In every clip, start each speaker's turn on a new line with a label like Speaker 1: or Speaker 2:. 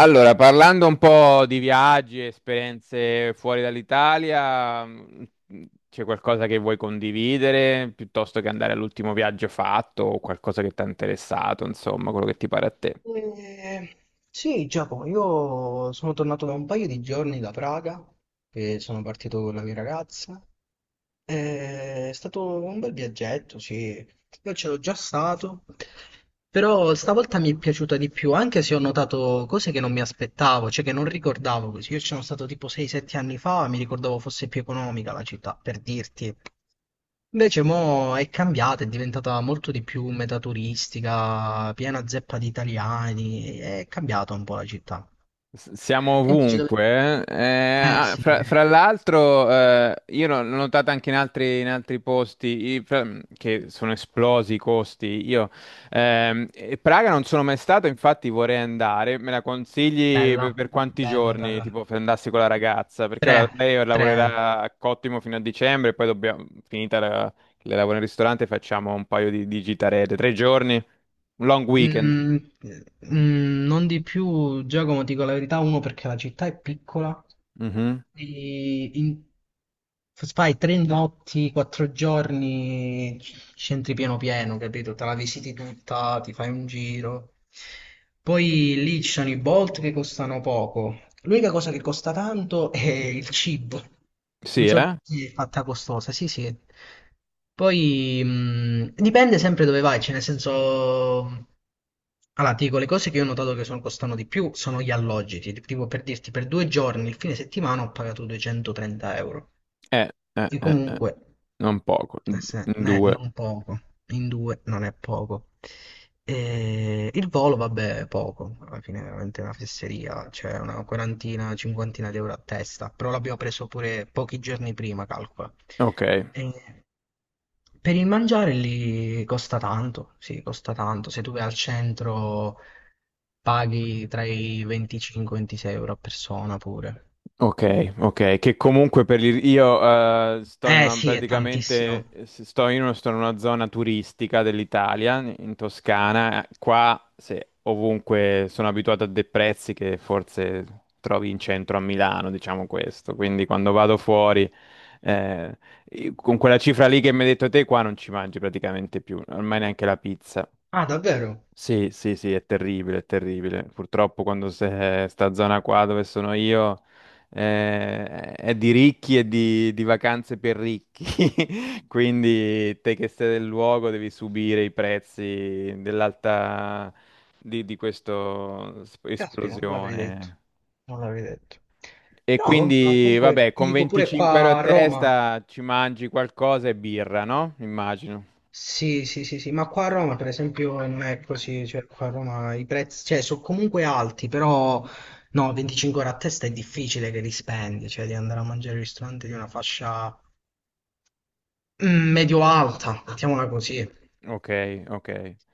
Speaker 1: Allora, parlando un po' di viaggi, esperienze fuori dall'Italia, c'è qualcosa che vuoi condividere piuttosto che andare all'ultimo viaggio fatto o qualcosa che ti ha interessato, insomma, quello che ti pare a te.
Speaker 2: Eh, sì, Giacomo, io sono tornato da un paio di giorni da Praga e sono partito con la mia ragazza. È stato un bel viaggetto, sì. Io c'ero già stato, però stavolta mi è piaciuta di più, anche se ho notato cose che non mi aspettavo, cioè che non ricordavo così. Io ci sono stato tipo 6-7 anni fa, mi ricordavo fosse più economica la città, per dirti. Invece mo è cambiata, è diventata molto di più metaturistica, piena zeppa di italiani, è cambiata un po' la città.
Speaker 1: Siamo
Speaker 2: Sentici dove.
Speaker 1: ovunque.
Speaker 2: Eh sì,
Speaker 1: Fra l'altro, io l'ho notato anche in altri posti i- fra- che sono esplosi i costi. E Praga non sono mai stato, infatti vorrei andare. Me la consigli
Speaker 2: bella,
Speaker 1: per quanti
Speaker 2: bella,
Speaker 1: giorni?
Speaker 2: bella.
Speaker 1: Tipo, se andassi con la ragazza, perché ora lei
Speaker 2: Tre.
Speaker 1: lavorerà a Cottimo fino a dicembre, e poi dobbiamo, finita la, le lavoro in ristorante, facciamo un paio di gitarette. Tre giorni, un long weekend.
Speaker 2: Mm, non di più, Giacomo, ti dico la verità, uno perché la città è piccola.
Speaker 1: Mhm.
Speaker 2: Quindi fai 3 notti, 4 giorni, scentri pieno pieno, capito? Te la visiti tutta, ti fai un giro. Poi lì ci sono i Bolt che costano poco. L'unica cosa che costa tanto è il cibo. Non
Speaker 1: Sì,
Speaker 2: so
Speaker 1: eh?
Speaker 2: perché è fatta costosa, sì, sì. Poi dipende sempre dove vai, cioè nel senso. Allora, ti dico, le cose che io ho notato che costano di più sono gli alloggi. Tipo, per dirti, per 2 giorni, il fine settimana ho pagato 230 euro.
Speaker 1: Eh, eh,
Speaker 2: E
Speaker 1: eh, eh.
Speaker 2: comunque,
Speaker 1: Non poco,
Speaker 2: eh
Speaker 1: un
Speaker 2: sì,
Speaker 1: due.
Speaker 2: non poco, in due non è poco. E il volo, vabbè, è poco, alla fine è veramente una fesseria, cioè una quarantina, cinquantina di euro a testa, però l'abbiamo preso pure pochi giorni prima, calcola.
Speaker 1: Ok,
Speaker 2: E per il mangiare lì costa tanto, sì, costa tanto. Se tu vai al centro paghi tra i 25 e 26 euro a persona pure.
Speaker 1: ok, ok. Che comunque io sto in
Speaker 2: Eh
Speaker 1: una
Speaker 2: sì, è
Speaker 1: praticamente
Speaker 2: tantissimo.
Speaker 1: sto in una zona turistica dell'Italia, in Toscana. Qua se, ovunque sono abituato a dei prezzi che forse trovi in centro a Milano, diciamo questo. Quindi quando vado fuori, eh, con quella cifra lì che mi hai detto te, qua non ci mangi praticamente più, ormai neanche la pizza.
Speaker 2: Ah, davvero?
Speaker 1: Sì, sì, sì, è terribile, è terribile. Purtroppo quando se sta zona qua dove sono io eh, è di ricchi e di vacanze per ricchi, quindi te che sei del luogo devi subire i prezzi dell'alta di questo
Speaker 2: Caspita, non l'avrei detto.
Speaker 1: esplosione.
Speaker 2: Non l'avrei detto.
Speaker 1: E
Speaker 2: No, vabbè, ma
Speaker 1: quindi,
Speaker 2: comunque
Speaker 1: vabbè,
Speaker 2: ti
Speaker 1: con
Speaker 2: dico pure
Speaker 1: 25 euro
Speaker 2: qua
Speaker 1: a
Speaker 2: a Roma.
Speaker 1: testa ci mangi qualcosa e birra, no? Immagino.
Speaker 2: Sì, sì, sì, sì, ma qua a Roma per esempio non è così, cioè qua a Roma i prezzi, cioè, sono comunque alti, però no, 25 euro a testa è difficile che li spendi, cioè di andare a mangiare al ristorante di una fascia medio-alta, mettiamola così.
Speaker 1: Ok, ok.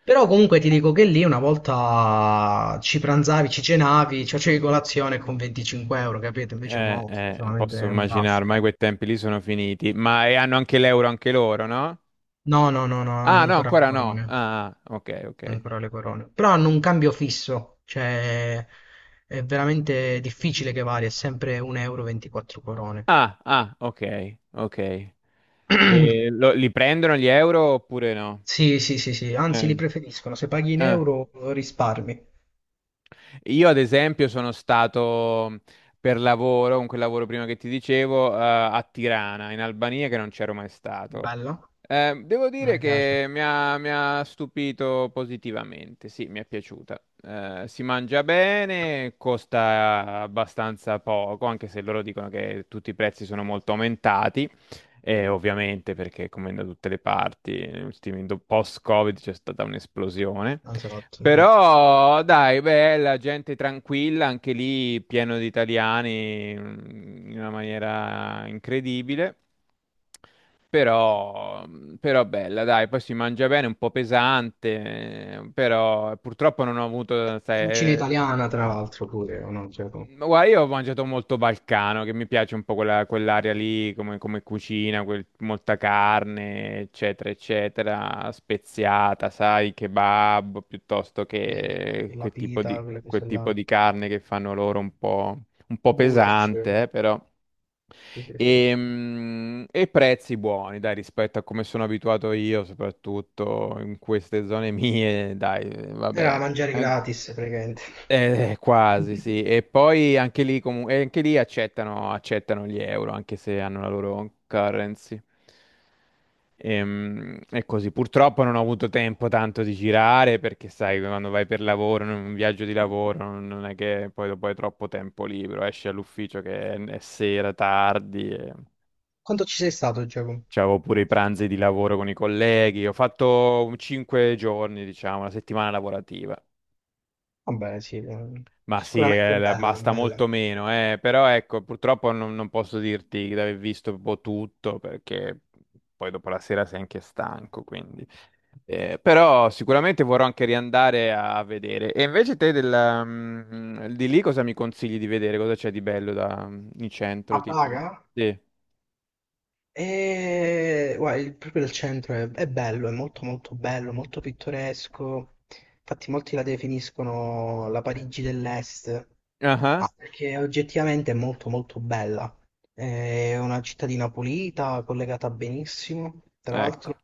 Speaker 2: Però comunque ti dico che lì una volta ci pranzavi, ci cenavi, ci facevi colazione con 25 euro, capito? Invece mo è solamente
Speaker 1: Posso
Speaker 2: un
Speaker 1: immaginare,
Speaker 2: passo.
Speaker 1: ormai quei tempi lì sono finiti, ma e hanno anche l'euro anche loro, no?
Speaker 2: No, no, no, no, hanno
Speaker 1: Ah, no,
Speaker 2: ancora le
Speaker 1: ancora no.
Speaker 2: corone.
Speaker 1: Ah, ah, ok, ok.
Speaker 2: Hanno ancora le corone. Però hanno un cambio fisso, cioè è veramente difficile che varia, è sempre 1 euro 24 corone.
Speaker 1: Ah, ah, ok, ok. E li prendono gli euro oppure no?
Speaker 2: Sì, sì, sì, sì, anzi li
Speaker 1: Eh,
Speaker 2: preferiscono, se paghi in
Speaker 1: eh,
Speaker 2: euro risparmi.
Speaker 1: Io, ad esempio, sono stato per lavoro, con quel lavoro prima che ti dicevo, a Tirana, in Albania, che non c'ero mai stato.
Speaker 2: Bella,
Speaker 1: Devo
Speaker 2: a
Speaker 1: dire
Speaker 2: me piace.
Speaker 1: che mi ha stupito positivamente, sì, mi è piaciuta. Si mangia bene, costa abbastanza poco, anche se loro dicono che tutti i prezzi sono molto aumentati, e ovviamente perché come da tutte le parti, post-Covid c'è stata un'esplosione.
Speaker 2: Esatto, sì.
Speaker 1: Però dai, bella, gente tranquilla, anche lì pieno di italiani in una maniera incredibile.
Speaker 2: Sì.
Speaker 1: Però, però bella, dai, poi si mangia bene, un po' pesante, però purtroppo non ho avuto, sai,
Speaker 2: Cucina
Speaker 1: eh,
Speaker 2: italiana, tra l'altro, pure, o no? Cioè,
Speaker 1: ma guarda, io ho mangiato molto balcano, che mi piace un po' quell'area lì, come cucina, molta carne, eccetera, eccetera, speziata, sai, kebab, piuttosto
Speaker 2: sì, sì, sì,
Speaker 1: che
Speaker 2: sì, la
Speaker 1: quel tipo di,
Speaker 2: pita, quelle
Speaker 1: quel
Speaker 2: cose là.
Speaker 1: tipo di carne che fanno loro un po'
Speaker 2: Goulash.
Speaker 1: pesante, però.
Speaker 2: Sì, sì, sì.
Speaker 1: Prezzi buoni, dai, rispetto a come sono abituato io, soprattutto in queste zone mie, dai, vabbè.
Speaker 2: Era mangiare gratis, praticamente.
Speaker 1: Quasi, sì. E poi anche lì, e anche lì accettano gli euro, anche se hanno la loro currency. Così, purtroppo non ho avuto tempo tanto di girare perché sai, quando vai per lavoro, in un viaggio di lavoro, non è che poi dopo hai troppo tempo libero, esci all'ufficio che è sera, tardi, e...
Speaker 2: Quanto ci sei stato, Giacomo?
Speaker 1: c'avevo pure i pranzi di lavoro con i colleghi, ho fatto 5 giorni, diciamo, una settimana lavorativa.
Speaker 2: Vabbè, sì,
Speaker 1: Ma sì,
Speaker 2: sicuramente è bella, è
Speaker 1: basta molto
Speaker 2: bella.
Speaker 1: meno, eh. Però ecco, purtroppo non posso dirti di aver visto un po' tutto perché poi dopo la sera sei anche stanco, quindi. Però sicuramente vorrò anche riandare a vedere. E invece te del, di lì cosa mi consigli di vedere? Cosa c'è di bello da, in centro,
Speaker 2: A
Speaker 1: tipo?
Speaker 2: Praga?
Speaker 1: Sì.
Speaker 2: E, guarda, proprio il centro è bello, è molto molto bello, molto pittoresco. Infatti molti la definiscono la Parigi dell'Est.
Speaker 1: Ah,
Speaker 2: Ah, perché oggettivamente è molto molto bella. È una cittadina pulita, collegata benissimo, tra l'altro
Speaker 1: ecco.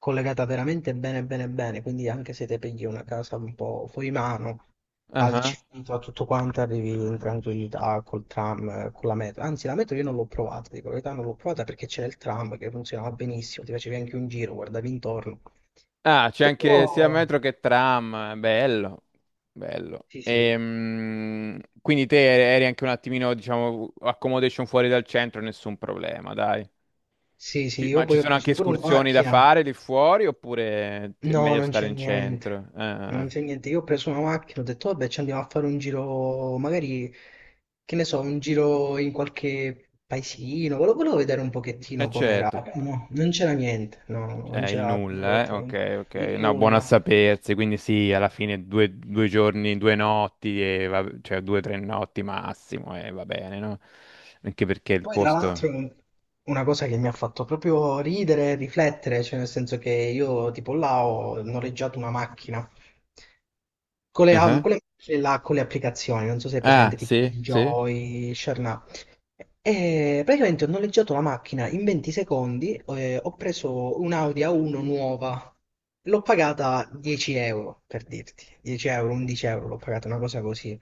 Speaker 2: collegata veramente bene bene bene, quindi anche se te pigli una casa un po' fuori mano, al
Speaker 1: Ah.
Speaker 2: centro, a tutto quanto, arrivi in tranquillità col tram, con la metro. Anzi, la metro io non l'ho provata, dico la verità non l'ho provata perché c'era il tram che funzionava benissimo, ti facevi anche un giro, guardavi intorno.
Speaker 1: Ah, c'è
Speaker 2: Però,
Speaker 1: anche sia metro che tram, bello, bello.
Speaker 2: sì, sì,
Speaker 1: Quindi te eri anche un attimino, diciamo, accommodation fuori dal centro, nessun problema, dai.
Speaker 2: sì, sì,
Speaker 1: Sì.
Speaker 2: io
Speaker 1: Ma ci
Speaker 2: poi ho
Speaker 1: sono anche
Speaker 2: preso pure una
Speaker 1: escursioni da
Speaker 2: macchina.
Speaker 1: fare lì fuori oppure è
Speaker 2: No,
Speaker 1: meglio
Speaker 2: non
Speaker 1: stare
Speaker 2: c'è
Speaker 1: in
Speaker 2: niente.
Speaker 1: centro?
Speaker 2: Non
Speaker 1: Ah,
Speaker 2: c'è niente. Io ho preso una macchina, ho detto, vabbè, ci andiamo a fare un giro, magari, che ne so, un giro in qualche paesino. Volevo vedere un
Speaker 1: eh
Speaker 2: pochettino com'era.
Speaker 1: certo,
Speaker 2: No, non c'era niente. No, non
Speaker 1: è il
Speaker 2: c'era
Speaker 1: nulla, eh?
Speaker 2: assolutamente
Speaker 1: Ok, ok.
Speaker 2: il
Speaker 1: No, buono a
Speaker 2: nulla.
Speaker 1: sapersi, quindi sì, alla fine due giorni, due notti, cioè due o tre notti massimo e va bene, no? Anche perché il
Speaker 2: Poi, tra l'altro,
Speaker 1: posto...
Speaker 2: una cosa che mi ha fatto proprio ridere e riflettere, cioè nel senso che io tipo là ho noleggiato una macchina con
Speaker 1: Ah.
Speaker 2: le, con
Speaker 1: Ah.
Speaker 2: le- macchine là, con le applicazioni, non so se è
Speaker 1: Ah,
Speaker 2: presente, tipo
Speaker 1: sì, sì.
Speaker 2: Enjoy, Sharna. E praticamente ho noleggiato la macchina in 20 secondi, ho preso un'Audi A1 nuova, l'ho pagata 10 euro, per dirti, 10 euro, 11 euro, l'ho pagata una cosa così,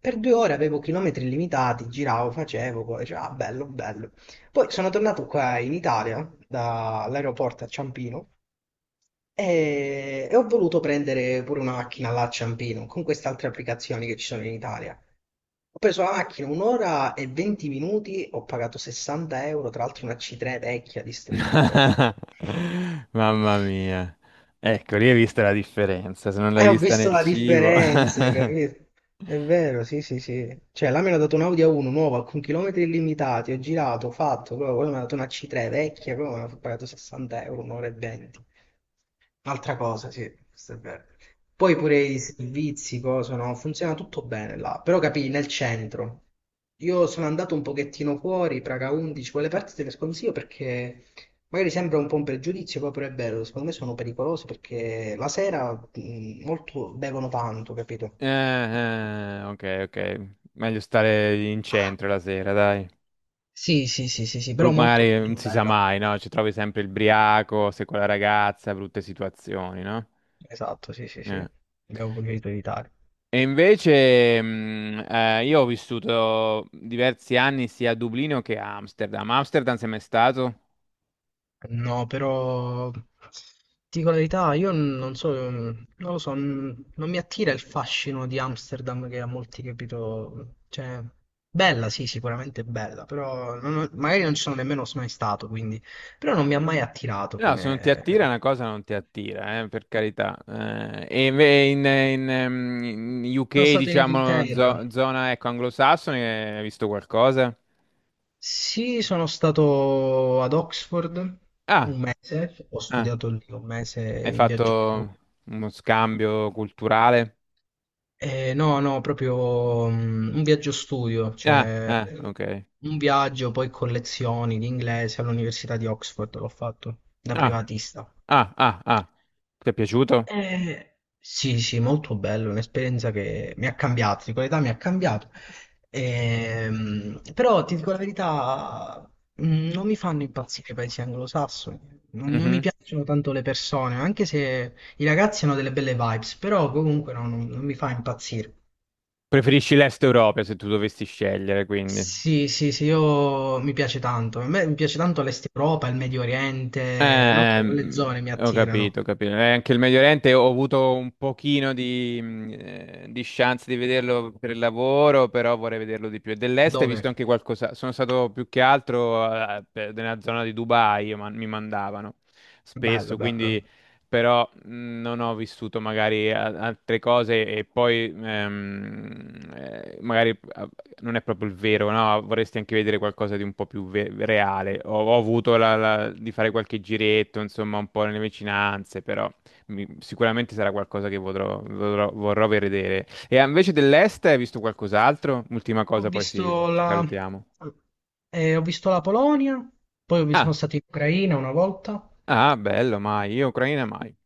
Speaker 2: per 2 ore avevo chilometri illimitati, giravo, facevo, poi dicevo, ah, bello, bello. Poi sono tornato qua in Italia, dall'aeroporto a Ciampino, e ho voluto prendere pure una macchina là a Ciampino, con queste altre applicazioni che ci sono in Italia. Ho preso la macchina un'ora e 20 minuti, ho pagato 60 euro, tra l'altro una C3 vecchia, distrutta.
Speaker 1: Mamma mia. Ecco, lì hai visto la differenza, se non
Speaker 2: Eh,
Speaker 1: l'hai
Speaker 2: ho
Speaker 1: vista
Speaker 2: visto
Speaker 1: nel
Speaker 2: la
Speaker 1: cibo.
Speaker 2: differenza, capito? È vero, sì, sì, sì. Cioè, là mi hanno dato un Audi A1 nuova con chilometri illimitati, ho girato, ho fatto, proprio, poi mi hanno dato una C3 vecchia, proprio, mi hanno pagato 60 euro, un'ora e 20. Un'altra cosa, sì, questo è vero. Poi pure i servizi, cosa, no? Funziona tutto bene là, però capì, nel centro. Io sono andato un pochettino fuori, Praga 11, quelle parti te le sconsiglio perché magari sembra un po' un pregiudizio, poi pure è vero, secondo me sono pericolosi perché la sera molto bevono tanto, capito?
Speaker 1: Ok, ok. Meglio stare in centro la sera, dai.
Speaker 2: Sì, sì, sì, sì, sì, però molto
Speaker 1: Magari non
Speaker 2: molto
Speaker 1: si sa
Speaker 2: bella.
Speaker 1: mai, no? Ci trovi sempre il briaco, sei con la ragazza, brutte situazioni, no?
Speaker 2: Esatto, sì, sì, sì.
Speaker 1: Eh.
Speaker 2: Abbiamo preferito evitare.
Speaker 1: E invece, io ho vissuto diversi anni sia a Dublino che a Amsterdam. Amsterdam sei mai stato?
Speaker 2: No, però ti dico la verità, io non so, non lo so, non mi attira il fascino di Amsterdam che a molti capito, cioè bella, sì, sicuramente bella, però non ho- magari non ci sono nemmeno mai stato, quindi però non mi ha mai attirato
Speaker 1: No, se non ti attira
Speaker 2: come.
Speaker 1: una cosa non ti attira, per carità. In
Speaker 2: Sono
Speaker 1: UK,
Speaker 2: stato in
Speaker 1: diciamo,
Speaker 2: Inghilterra.
Speaker 1: zona ecco, anglosassone, hai visto qualcosa?
Speaker 2: Sì, sono stato ad Oxford
Speaker 1: Ah,
Speaker 2: un mese, ho
Speaker 1: ah,
Speaker 2: studiato lì un mese
Speaker 1: hai
Speaker 2: in
Speaker 1: fatto
Speaker 2: viaggio.
Speaker 1: uno scambio culturale?
Speaker 2: No, no, proprio un viaggio studio,
Speaker 1: Ah,
Speaker 2: cioè
Speaker 1: ah, ok.
Speaker 2: un viaggio poi con lezioni di inglese all'Università di Oxford l'ho fatto da
Speaker 1: Ah,
Speaker 2: privatista.
Speaker 1: ah, ah, ah. Ti è piaciuto?
Speaker 2: Sì, sì, molto bello, un'esperienza che mi ha cambiato, di qualità mi ha cambiato. Però ti dico la verità, non mi fanno impazzire i paesi anglosassoni, non mi
Speaker 1: Mhm.
Speaker 2: piacciono tanto le persone, anche se i ragazzi hanno delle belle vibes, però comunque no, non mi fa impazzire.
Speaker 1: Preferisci l'Est Europa se tu dovessi scegliere, quindi.
Speaker 2: Sì, sì, sì, io mi piace tanto. A me mi piace tanto l'Est Europa, il Medio
Speaker 1: Eh,
Speaker 2: Oriente, non lo so, quelle
Speaker 1: ehm,
Speaker 2: zone mi
Speaker 1: ho
Speaker 2: attirano.
Speaker 1: capito, ho capito. Anche il Medio Oriente ho avuto un pochino di chance di vederlo per il lavoro, però vorrei vederlo di più. E dell'est hai
Speaker 2: Dove?
Speaker 1: visto anche qualcosa. Sono stato più che altro nella zona di Dubai, io mi mandavano
Speaker 2: Bello,
Speaker 1: spesso,
Speaker 2: bello.
Speaker 1: quindi però non ho vissuto magari altre cose e poi non è proprio il vero, no? Vorresti anche vedere qualcosa di un po' più reale. Ho avuto di fare qualche giretto, insomma, un po' nelle vicinanze, però sicuramente sarà qualcosa che vorrò vedere. E invece dell'est hai visto qualcos'altro? Ultima
Speaker 2: Ho
Speaker 1: cosa, poi
Speaker 2: visto
Speaker 1: sì, ci
Speaker 2: la...
Speaker 1: salutiamo.
Speaker 2: ho visto la Polonia, poi sono
Speaker 1: Ah,
Speaker 2: stato in Ucraina una volta.
Speaker 1: ah, bello, mai. Io Ucraina mai.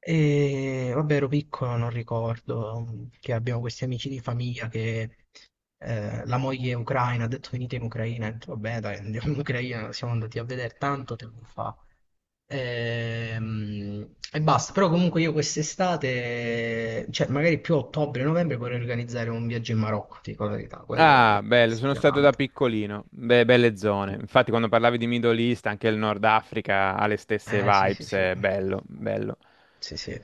Speaker 2: E vabbè, ero piccolo, non ricordo che abbiamo questi amici di famiglia che la moglie è ucraina, ha detto venite in Ucraina, ho detto, vabbè dai, andiamo in Ucraina, siamo andati a vedere tanto tempo fa. E basta, però comunque io quest'estate, cioè magari più a ottobre, novembre vorrei organizzare un viaggio in Marocco, ti dico la verità, quello
Speaker 1: Ah,
Speaker 2: mi
Speaker 1: bello, sono
Speaker 2: ispira
Speaker 1: stato da
Speaker 2: tanto.
Speaker 1: piccolino, belle zone. Infatti, quando parlavi di Middle East, anche il Nord Africa ha le stesse
Speaker 2: Eh sì sì
Speaker 1: vibes,
Speaker 2: sì,
Speaker 1: è bello, bello.
Speaker 2: sì sì,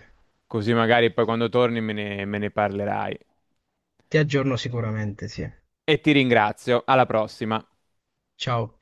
Speaker 1: Così magari poi quando torni me ne parlerai.
Speaker 2: ti aggiorno sicuramente, sì.
Speaker 1: E ti ringrazio, alla prossima.
Speaker 2: Ciao.